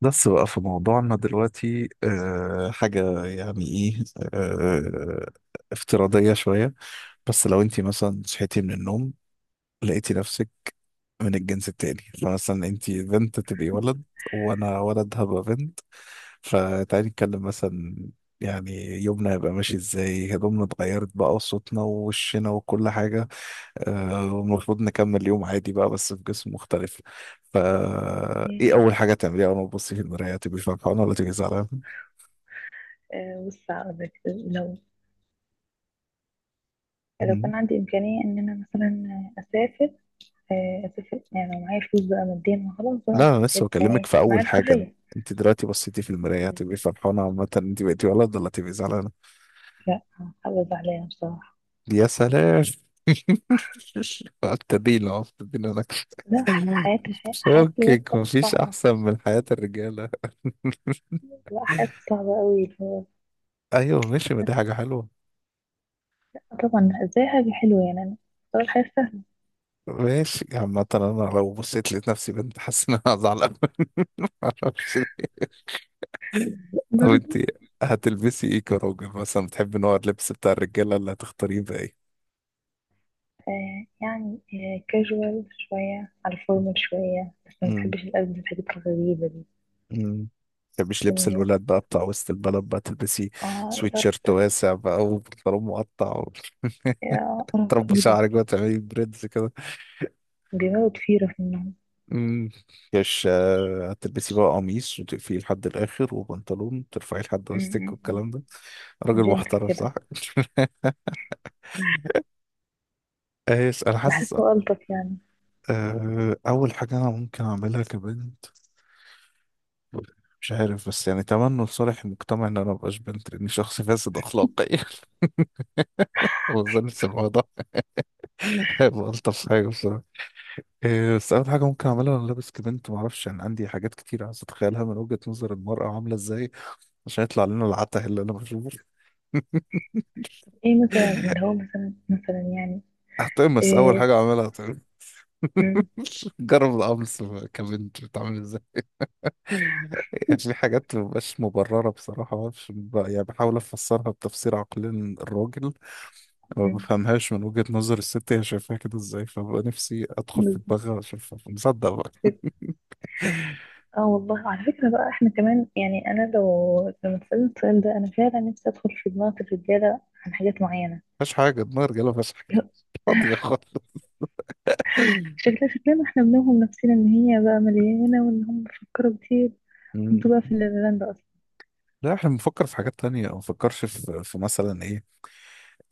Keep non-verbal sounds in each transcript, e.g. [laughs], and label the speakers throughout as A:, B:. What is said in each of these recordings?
A: بس بقى في موضوعنا دلوقتي حاجة يعني ايه. أه افتراضية شوية. بس لو انت مثلا صحيتي من النوم، لقيتي نفسك من الجنس التاني، فمثلا انت بنت تبقي ولد، وانا ولد هبقى بنت. فتعالي نتكلم مثلا، يعني يومنا هيبقى ماشي ازاي، هدومنا اتغيرت بقى وصوتنا ووشنا وكل حاجة. آه، والمفروض نكمل اليوم عادي بقى بس في جسم مختلف. فا ايه
B: ياه.
A: اول حاجه تعمليها؟ اول ما تبصي في المرايه تبقي فرحانه ولا تبقي زعلانه؟
B: بص هقول لك. لو لو
A: مهم.
B: كان عندي إمكانية إن أنا مثلا أسافر، أسافر يعني لو معايا فلوس بقى ماديا وخلاص بقى.
A: لا انا لسه
B: هيبقى
A: بكلمك
B: إيه
A: في
B: معايا
A: اول حاجه.
B: الحرية؟
A: انت دلوقتي بصيتي في المرايه
B: م.
A: تبقي فرحانه، عامه انت بقيتي ولد، ولا تبقي زعلانه؟
B: لا هحافظ عليها بصراحة.
A: يا سلام. [laughs] ابتدينا أهو، ابتدينا نكشف.
B: لا حياة الولاد
A: فكك، مفيش
B: صعبة.
A: احسن من حياه الرجاله. [laughs]
B: لا حياة صعبة قوي اللي هو
A: ايوه ماشي، ما دي حاجه حلوه.
B: طبعا زي حاجة حلوة يعني أنا بختار الحياة سهلة.
A: ماشي، عامة انا لو بصيت لقيت نفسي بنت، حاسس ان انا هزعل. [laughs] معرفش. طب انت
B: برضه
A: هتلبسي ايه كراجل؟ مثلا بتحبي نوع اللبس بتاع الرجاله، اللي هتختاريه بقى ايه؟
B: آه يعني آه، كاجوال شوية على الفورمال شوية، بس ما
A: مم.
B: بحبش الألبس الحاجات الغريبة دي.
A: مم. متحبيش
B: إن
A: لبس
B: هي-
A: الولاد بقى بتاع وسط البلد؟ بقى تلبسي
B: اه
A: سويت
B: إدارة.
A: شيرت واسع بقى وبنطلون مقطع و... [laughs]
B: يا قرف
A: تربي
B: ايه ده؟
A: شعرك بقى، تعملي بريدز كده.
B: بيموت فيرة في النوم.
A: أمم. مش هتلبسي بقى قميص وتقفيه لحد الاخر وبنطلون ترفعيه لحد وسطك والكلام ده.
B: م.
A: راجل
B: جنتل
A: محترم
B: كده.
A: صح؟ [laughs] ايش، انا حاسس
B: بحسه ألطف يعني.
A: اول حاجه انا ممكن اعملها كبنت. مش عارف، بس يعني تمنوا لصالح المجتمع ان انا مبقاش بنت لاني شخص فاسد اخلاقيا. [laughs] وظن الموضوع ده هيبقى الطف حاجه بصراحه. إيه، بس اول حاجه ممكن اعملها وانا لابس كبنت، ما اعرفش، يعني عندي حاجات كتير عايز اتخيلها من وجهه نظر المراه عامله ازاي، عشان يطلع لنا العته اللي انا بشوفه.
B: ايه مثلا
A: [laughs]
B: اللي هو مثلا يعني؟
A: هتقمص، اول
B: ايه.
A: حاجه اعملها هتقمص.
B: م-
A: [laughs] جرب القمص كبنت بتعمل ازاي. [laughs] يعني في حاجات مبقاش مبرره بصراحه، ما اعرفش يعني بحاول افسرها بتفسير عقلين الراجل. ما
B: م.
A: بفهمهاش من وجهة نظر الست، هي شايفاها كده ازاي، فبقى نفسي ادخل في
B: بالظبط
A: دماغها اشوفها مصدق بقى.
B: كده. اه والله على فكرة بقى، احنا كمان يعني انا لو لما اتسألت السؤال ده، انا فعلا نفسي ادخل في دماغ الرجالة عن حاجات معينة.
A: مفيهاش حاجة، دماغ رجالة مفيهاش حاجة،
B: لا،
A: [laughs] فاضية خالص.
B: شكلها شكلنا احنا بنوهم نفسنا ان هي بقى مليانة وان هم بيفكروا كتير.
A: مم.
B: انتوا بقى في الليلاند اصلا.
A: لا احنا بنفكر في حاجات تانية، ما بنفكرش في مثلا إيه،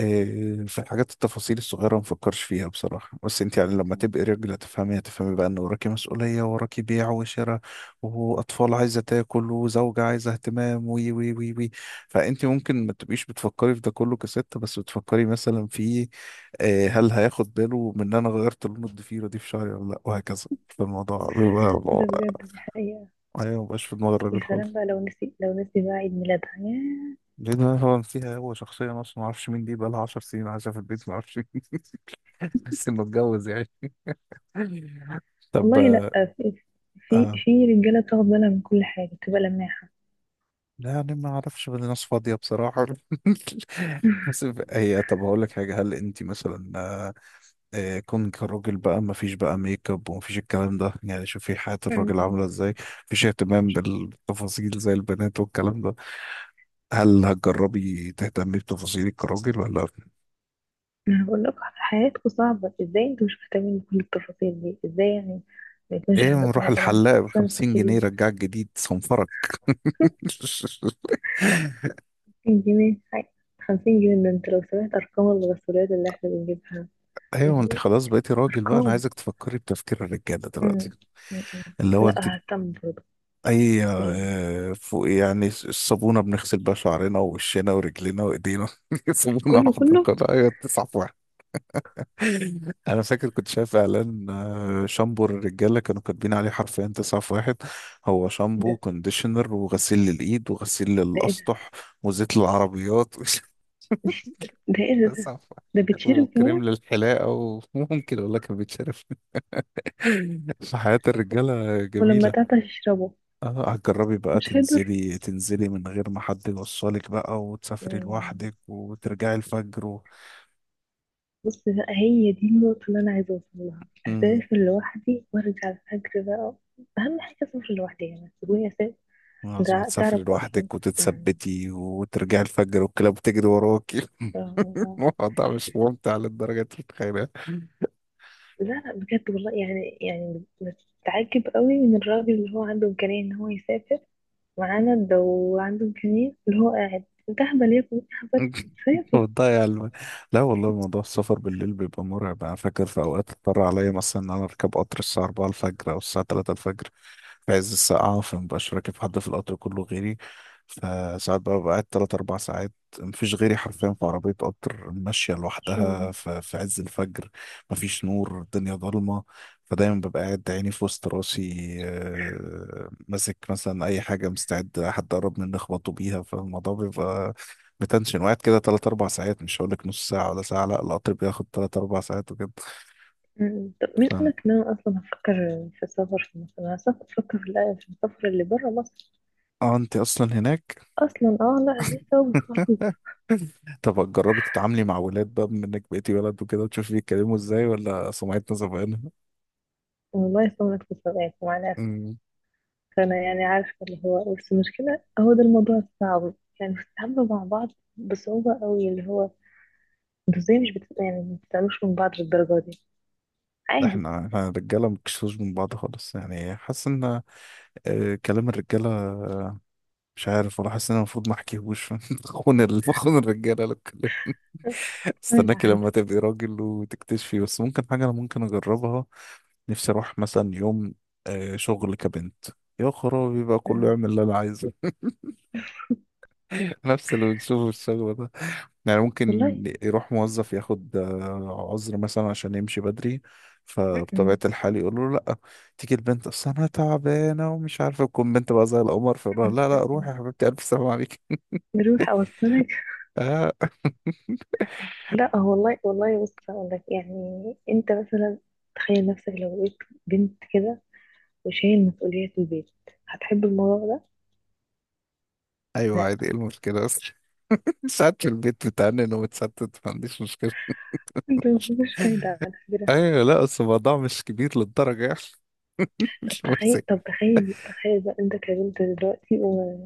A: إيه، في الحاجات التفاصيل الصغيرة ما بفكرش فيها بصراحة. بس انت يعني لما تبقي رجل هتفهمي، هتفهمي بقى ان وراكي مسؤولية، وراكي بيع وشراء واطفال عايزة تاكل وزوجة عايزة اهتمام وي وي وي وي. فانت ممكن ما تبقيش بتفكري في ده كله كست، بس بتفكري مثلا في إيه، هل هياخد باله من ان انا غيرت لون الضفيرة دي في شعري ولا لا، وهكذا فالموضوع
B: ده
A: بيبقى-
B: بجد، دي حقيقة.
A: ايوه مبقاش في دماغ الراجل
B: يا سلام
A: خالص.
B: بقى، لو نسي بقى عيد ميلادها، ياه.
A: لان هو فيها هو شخصيا اصلا ما اعرفش مين، دي بقى لها 10 سنين عايشه في البيت ما اعرفش مين. بس انه اتجوز يعني. طب
B: والله لا، في في
A: آه،
B: رجاله بتاخد بالها من كل حاجه، بتبقى لماحه.
A: لا يعني ما اعرفش، بدي ناس فاضيه بصراحه. [laughs]
B: [laughs]
A: بس هي، طب هقول لك حاجه، هل انت مثلا كون كراجل بقى، ما فيش بقى ميك اب وما فيش الكلام ده، يعني شوفي حياه
B: م-
A: الراجل
B: م.
A: عامله ازاي. مفيش اهتمام بالتفاصيل زي البنات والكلام ده. هل هتجربي تهتمي بتفاصيلك كراجل ولا؟
B: انا بقول لك حياتكم صعبه ازاي، انتوا مش مهتمين بكل التفاصيل دي ازاي يعني؟ ما يكونش
A: ايه،
B: عندكم
A: نروح
B: مثلا
A: الحلاق ب
B: سان
A: 50 جنيه
B: سكرين.
A: رجعك جديد صنفرك.
B: [laughs]
A: [laughs]
B: 50 جنيه حاجة. 50 جنيه ده، انت لو سمعت ارقام الغسولات اللي احنا بنجيبها.
A: ايوه، ما انت خلاص بقيتي راجل بقى، انا
B: ارقام.
A: عايزك تفكري بتفكير الرجاله دلوقتي.
B: م- م.
A: اللي هو انت
B: لا اهتم برضه.
A: اي
B: سوري يعني.
A: فوق يعني الصابونه بنغسل بيها شعرنا ووشنا ورجلنا وايدينا، [laughs] صابونه
B: كله
A: واحده
B: كله
A: القطعه هي تسعة في واحد. انا فاكر كنت شايف اعلان شامبو الرجاله كانوا كاتبين عليه حرفيا تسعة في واحد. هو
B: ايه
A: شامبو
B: ده
A: كونديشنر وغسيل للايد وغسيل
B: ده
A: للاسطح وزيت للعربيات، [laughs]
B: ده ايه ده؟
A: تسعة في
B: ده
A: واحد
B: بتشرب كمان.
A: وكريم للحلاقه، وممكن والله كان بيتشرب. [laughs] فحياة الرجالة
B: ولما
A: جميلة.
B: تعطش اشربه.
A: اه هتجربي بقى
B: مش هيضر.
A: تنزلي تنزلي من غير ما حد يوصلك بقى، وتسافري
B: مم.
A: لوحدك وترجعي الفجر و...
B: بص بقى، هي دي النقطة اللي أنا عايزة أوصل لها.
A: مم.
B: أسافر لوحدي وأرجع الفجر بقى. أهم حاجة أسافر لوحدي، يعني تقولي أسافر.
A: لازم
B: ده
A: تسافري
B: تعرف أصلا.
A: لوحدك
B: مم.
A: وتتثبتي وترجعي الفجر والكلاب بتجري وراكي. [laughs]
B: ف-
A: الموضوع مش ممتع للدرجة انت متخيلها. [laughs]
B: لا لا بجد والله، يعني يعني بتعجب قوي من الراجل اللي هو عنده إمكانية إن هو يسافر معانا ده، وعنده إمكانية اللي هو قاعد. أنت أهبل يا ابني، أهبل. سافر.
A: وتضيع الم... لا والله، موضوع السفر بالليل بيبقى مرعب. انا فاكر في اوقات اضطر عليا مثلا ان انا اركب قطر الساعة 4 الفجر او الساعة 3 الفجر، في عز السقعة، فمبقاش راكب حد في القطر كله غيري. فساعات بقى ببقى قاعد تلات أربع ساعات. مفيش غيري حرفيا في عربية قطر ماشية لوحدها
B: مم.
A: في عز الفجر. مفيش نور، الدنيا ضلمة. فدايما ببقى قاعد عيني في وسط راسي، ماسك مثلا أي حاجة مستعد حد قرب مني أخبطه بيها. فالموضوع بيبقى متنشن، وقاعد كده تلات أربع ساعات. مش هقولك نص ساعة ولا ساعة، لأ القطر بياخد تلات أربع ساعات وكده.
B: مم. طب مين قال
A: فاهم.
B: لك ان انا اصلا هفكر في السفر في مصر؟ انا اصلا كنت بفكر في في السفر اللي بره مصر.
A: اه انت اصلا هناك.
B: اصلا اه، لا لسه هو خالص.
A: [laughs] طب جربي تتعاملي مع ولاد بقى، بما انك بقيتي ولد وكده، وتشوفي بيتكلموا ازاي ولا سمعتنا زمان.
B: والله يصونك في الصداقة مع الاسف.
A: أمم.
B: فانا يعني عارفه اللي هو، بس المشكله هو ده الموضوع الصعب، يعني بتتعاملوا مع بعض بصعوبه قوي اللي هو انتوا ازاي مش بت... يعني ما بتتعاملوش من بعض للدرجه دي عادي؟
A: احنا الرجاله مكشوش من بعض خالص، يعني حاسس ان كلام الرجاله مش عارف، ولا حاسس ان انا المفروض ما احكيهوش، [laughs] بخون الرجاله لو اتكلمت.
B: [laughs] كفاية
A: استناكي
B: العهد.
A: لما تبقي راجل وتكتشفي. بس ممكن حاجه انا ممكن اجربها، نفسي اروح مثلا يوم شغل كبنت، يا خرابي بقى كله
B: مم.
A: يعمل اللي انا عايزه. نفس اللي بنشوفه في الشغل ده. يعني ممكن
B: والله.
A: يروح موظف ياخد عذر مثلا عشان يمشي بدري،
B: مم.
A: فبطبيعة
B: مم.
A: الحال يقول له لا. تيجي البنت، اصل انا تعبانة ومش عارفة، تكون بنت بقى زي القمر، فيقول لها
B: مم.
A: لا لا، روحي
B: مم.
A: يا حبيبتي الف سلام عليك.
B: نروح اوصلك.
A: آه.
B: لا والله والله، بص هقول لك، يعني انت مثلا تخيل نفسك لو بقيت بنت كده وشايل مسؤولية البيت، هتحب الموضوع ده؟
A: ايوه عادي،
B: لا،
A: ايه المشكلة اصلا؟ [laughs] ساعات في البيت بتعنن وبتستت، ما عنديش مشكلة.
B: انت مفيش فايدة على فكرة.
A: ايوه، لا اصل الموضوع مش كبير للدرجة يعني. [laughs]
B: طب
A: مش
B: تخيل
A: مؤذي.
B: طب تخيل تخيل بقى انت كبنت دلوقتي، و...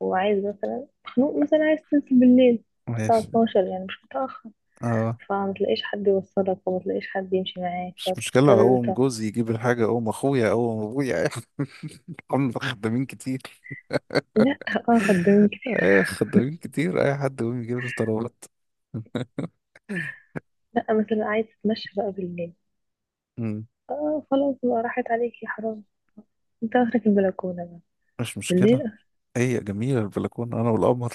B: وعايز مثلا، مخنوق مثلا عايز تنزل بالليل الساعة
A: ماشي.
B: 12 يعني مش متأخر،
A: آه،
B: فما تلاقيش حد يوصلك وما تلاقيش حد يمشي معاك
A: مش مشكلة،
B: فتضطر
A: أقوم
B: تقعد.
A: جوزي يجيب الحاجة، أقوم أخويا، أقوم أبويا. [laughs] هم خدامين كتير.
B: لا. اه خدامين كتير.
A: أيوة خدامين كتير، أي حد يقوم يجيب الطلبات.
B: لا مثلا عايز تتمشى بقى بالليل.
A: أمم،
B: اه خلاص بقى راحت عليك يا حرام. انت اخرك البلكونة بقى
A: مش
B: بالليل.
A: مشكلة. هي جميلة البلكونة، أنا والقمر.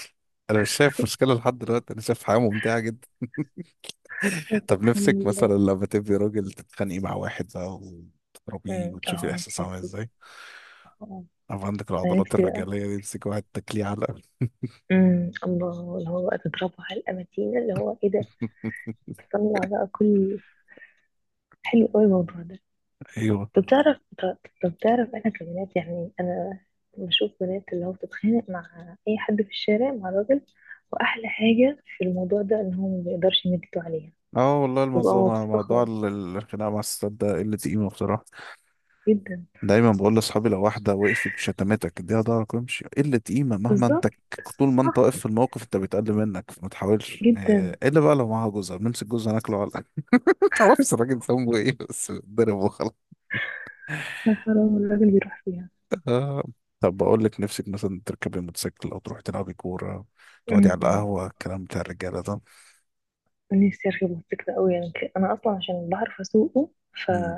A: أنا مش شايف مشكلة لحد دلوقتي، أنا شايف حياة ممتعة جدا.
B: اخرك
A: [laughs] طب
B: سبحان
A: نفسك مثلا
B: الله.
A: لما تبقي راجل تتخانقي مع واحد بقى وتضربيه وتشوفي
B: اه،
A: الإحساس
B: نفسي
A: عامل
B: فيه.
A: إزاي؟
B: اه.
A: أو عندك
B: انا
A: العضلات
B: نفسي بقى
A: الرجالية دي، تمسك واحد تاكليه علقة.
B: الله، اللي هو بقى تضربه على الاماتين، اللي هو ايه ده.
A: [laughs]
B: تطلع بقى كل، حلو قوي الموضوع ده.
A: أيوه.
B: طب طب تعرف انا كبنات يعني، انا بشوف بنات اللي هو بتتخانق مع اي حد في الشارع مع راجل، واحلى حاجة في الموضوع ده ان هو ما بيقدرش يمد ايده عليها.
A: اه والله،
B: ببقى
A: الموضوع
B: مبسوطة خالص،
A: الخناقة مع الستات ده قلة قيمة بصراحة.
B: جدا.
A: دايما بقول لاصحابي لو واحده وقفت شتمتك، اديها ضهرك وامشي، قله قيمه، مهما انت
B: بالظبط.
A: طول ما انت
B: صح.
A: واقف في الموقف انت بيتقل منك، فما تحاولش
B: جدا.
A: الا بقى لو معاها جوزها، بنمسك جوزها ناكله على [laughs] ما تعرفش الراجل ذنبه ايه بس بيتضرب وخلاص.
B: يا حرام الراجل بيروح فيها.
A: آه. طب بقول لك نفسك مثلا تركبي موتوسيكل، او تروحي تلعبي كوره، تقعدي على
B: امم.
A: القهوه، الكلام بتاع الرجاله ده.
B: نفسي اركب موتوسيكل قوي يعني، انا اصلا عشان بعرف اسوقه، ف
A: امم.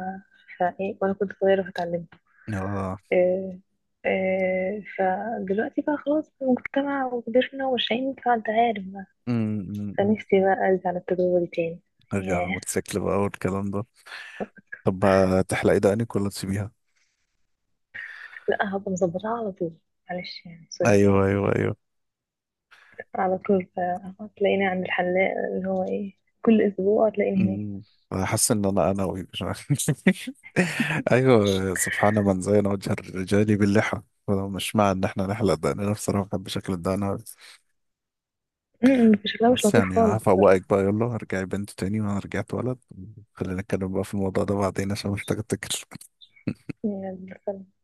B: فايه وانا كنت صغيره فاتعلمت.
A: اه.
B: إيه... فدلوقتي بقى خلاص في المجتمع وكبرنا وماشيين، فانت عارف بقى.
A: امم. أمم. أمم.
B: فنفسي بقى ارجع للتجربه دي تاني.
A: ارجع على
B: ياه.
A: الموتوسيكل بقى والكلام ده. طب هتحلقي دقنك ولا تسيبيها؟
B: لا هبقى مظبطها على طول. معلش يعني، سوري.
A: ايوه، ايوه، ايوه.
B: على طول بقى تلاقيني عند الحلاق اللي هو ايه، كل اسبوع تلاقيني هناك.
A: مم. انا حاسس ان انا انوي، مش عارف. [laughs] ايوه، سبحان من زين وجه الرجال باللحى. أنا مش مع ان احنا نحلق دقننا، أنا بصراحه بحب شكل الدقن أوي.
B: م، شكلها مش
A: بس
B: لطيف
A: يعني
B: خالص بصراحه.
A: هفوقك بقى، يلا ارجعي بنت تاني وانا رجعت ولد. خلينا نتكلم بقى في الموضوع ده بعدين عشان محتاج افتكر.
B: يعني بس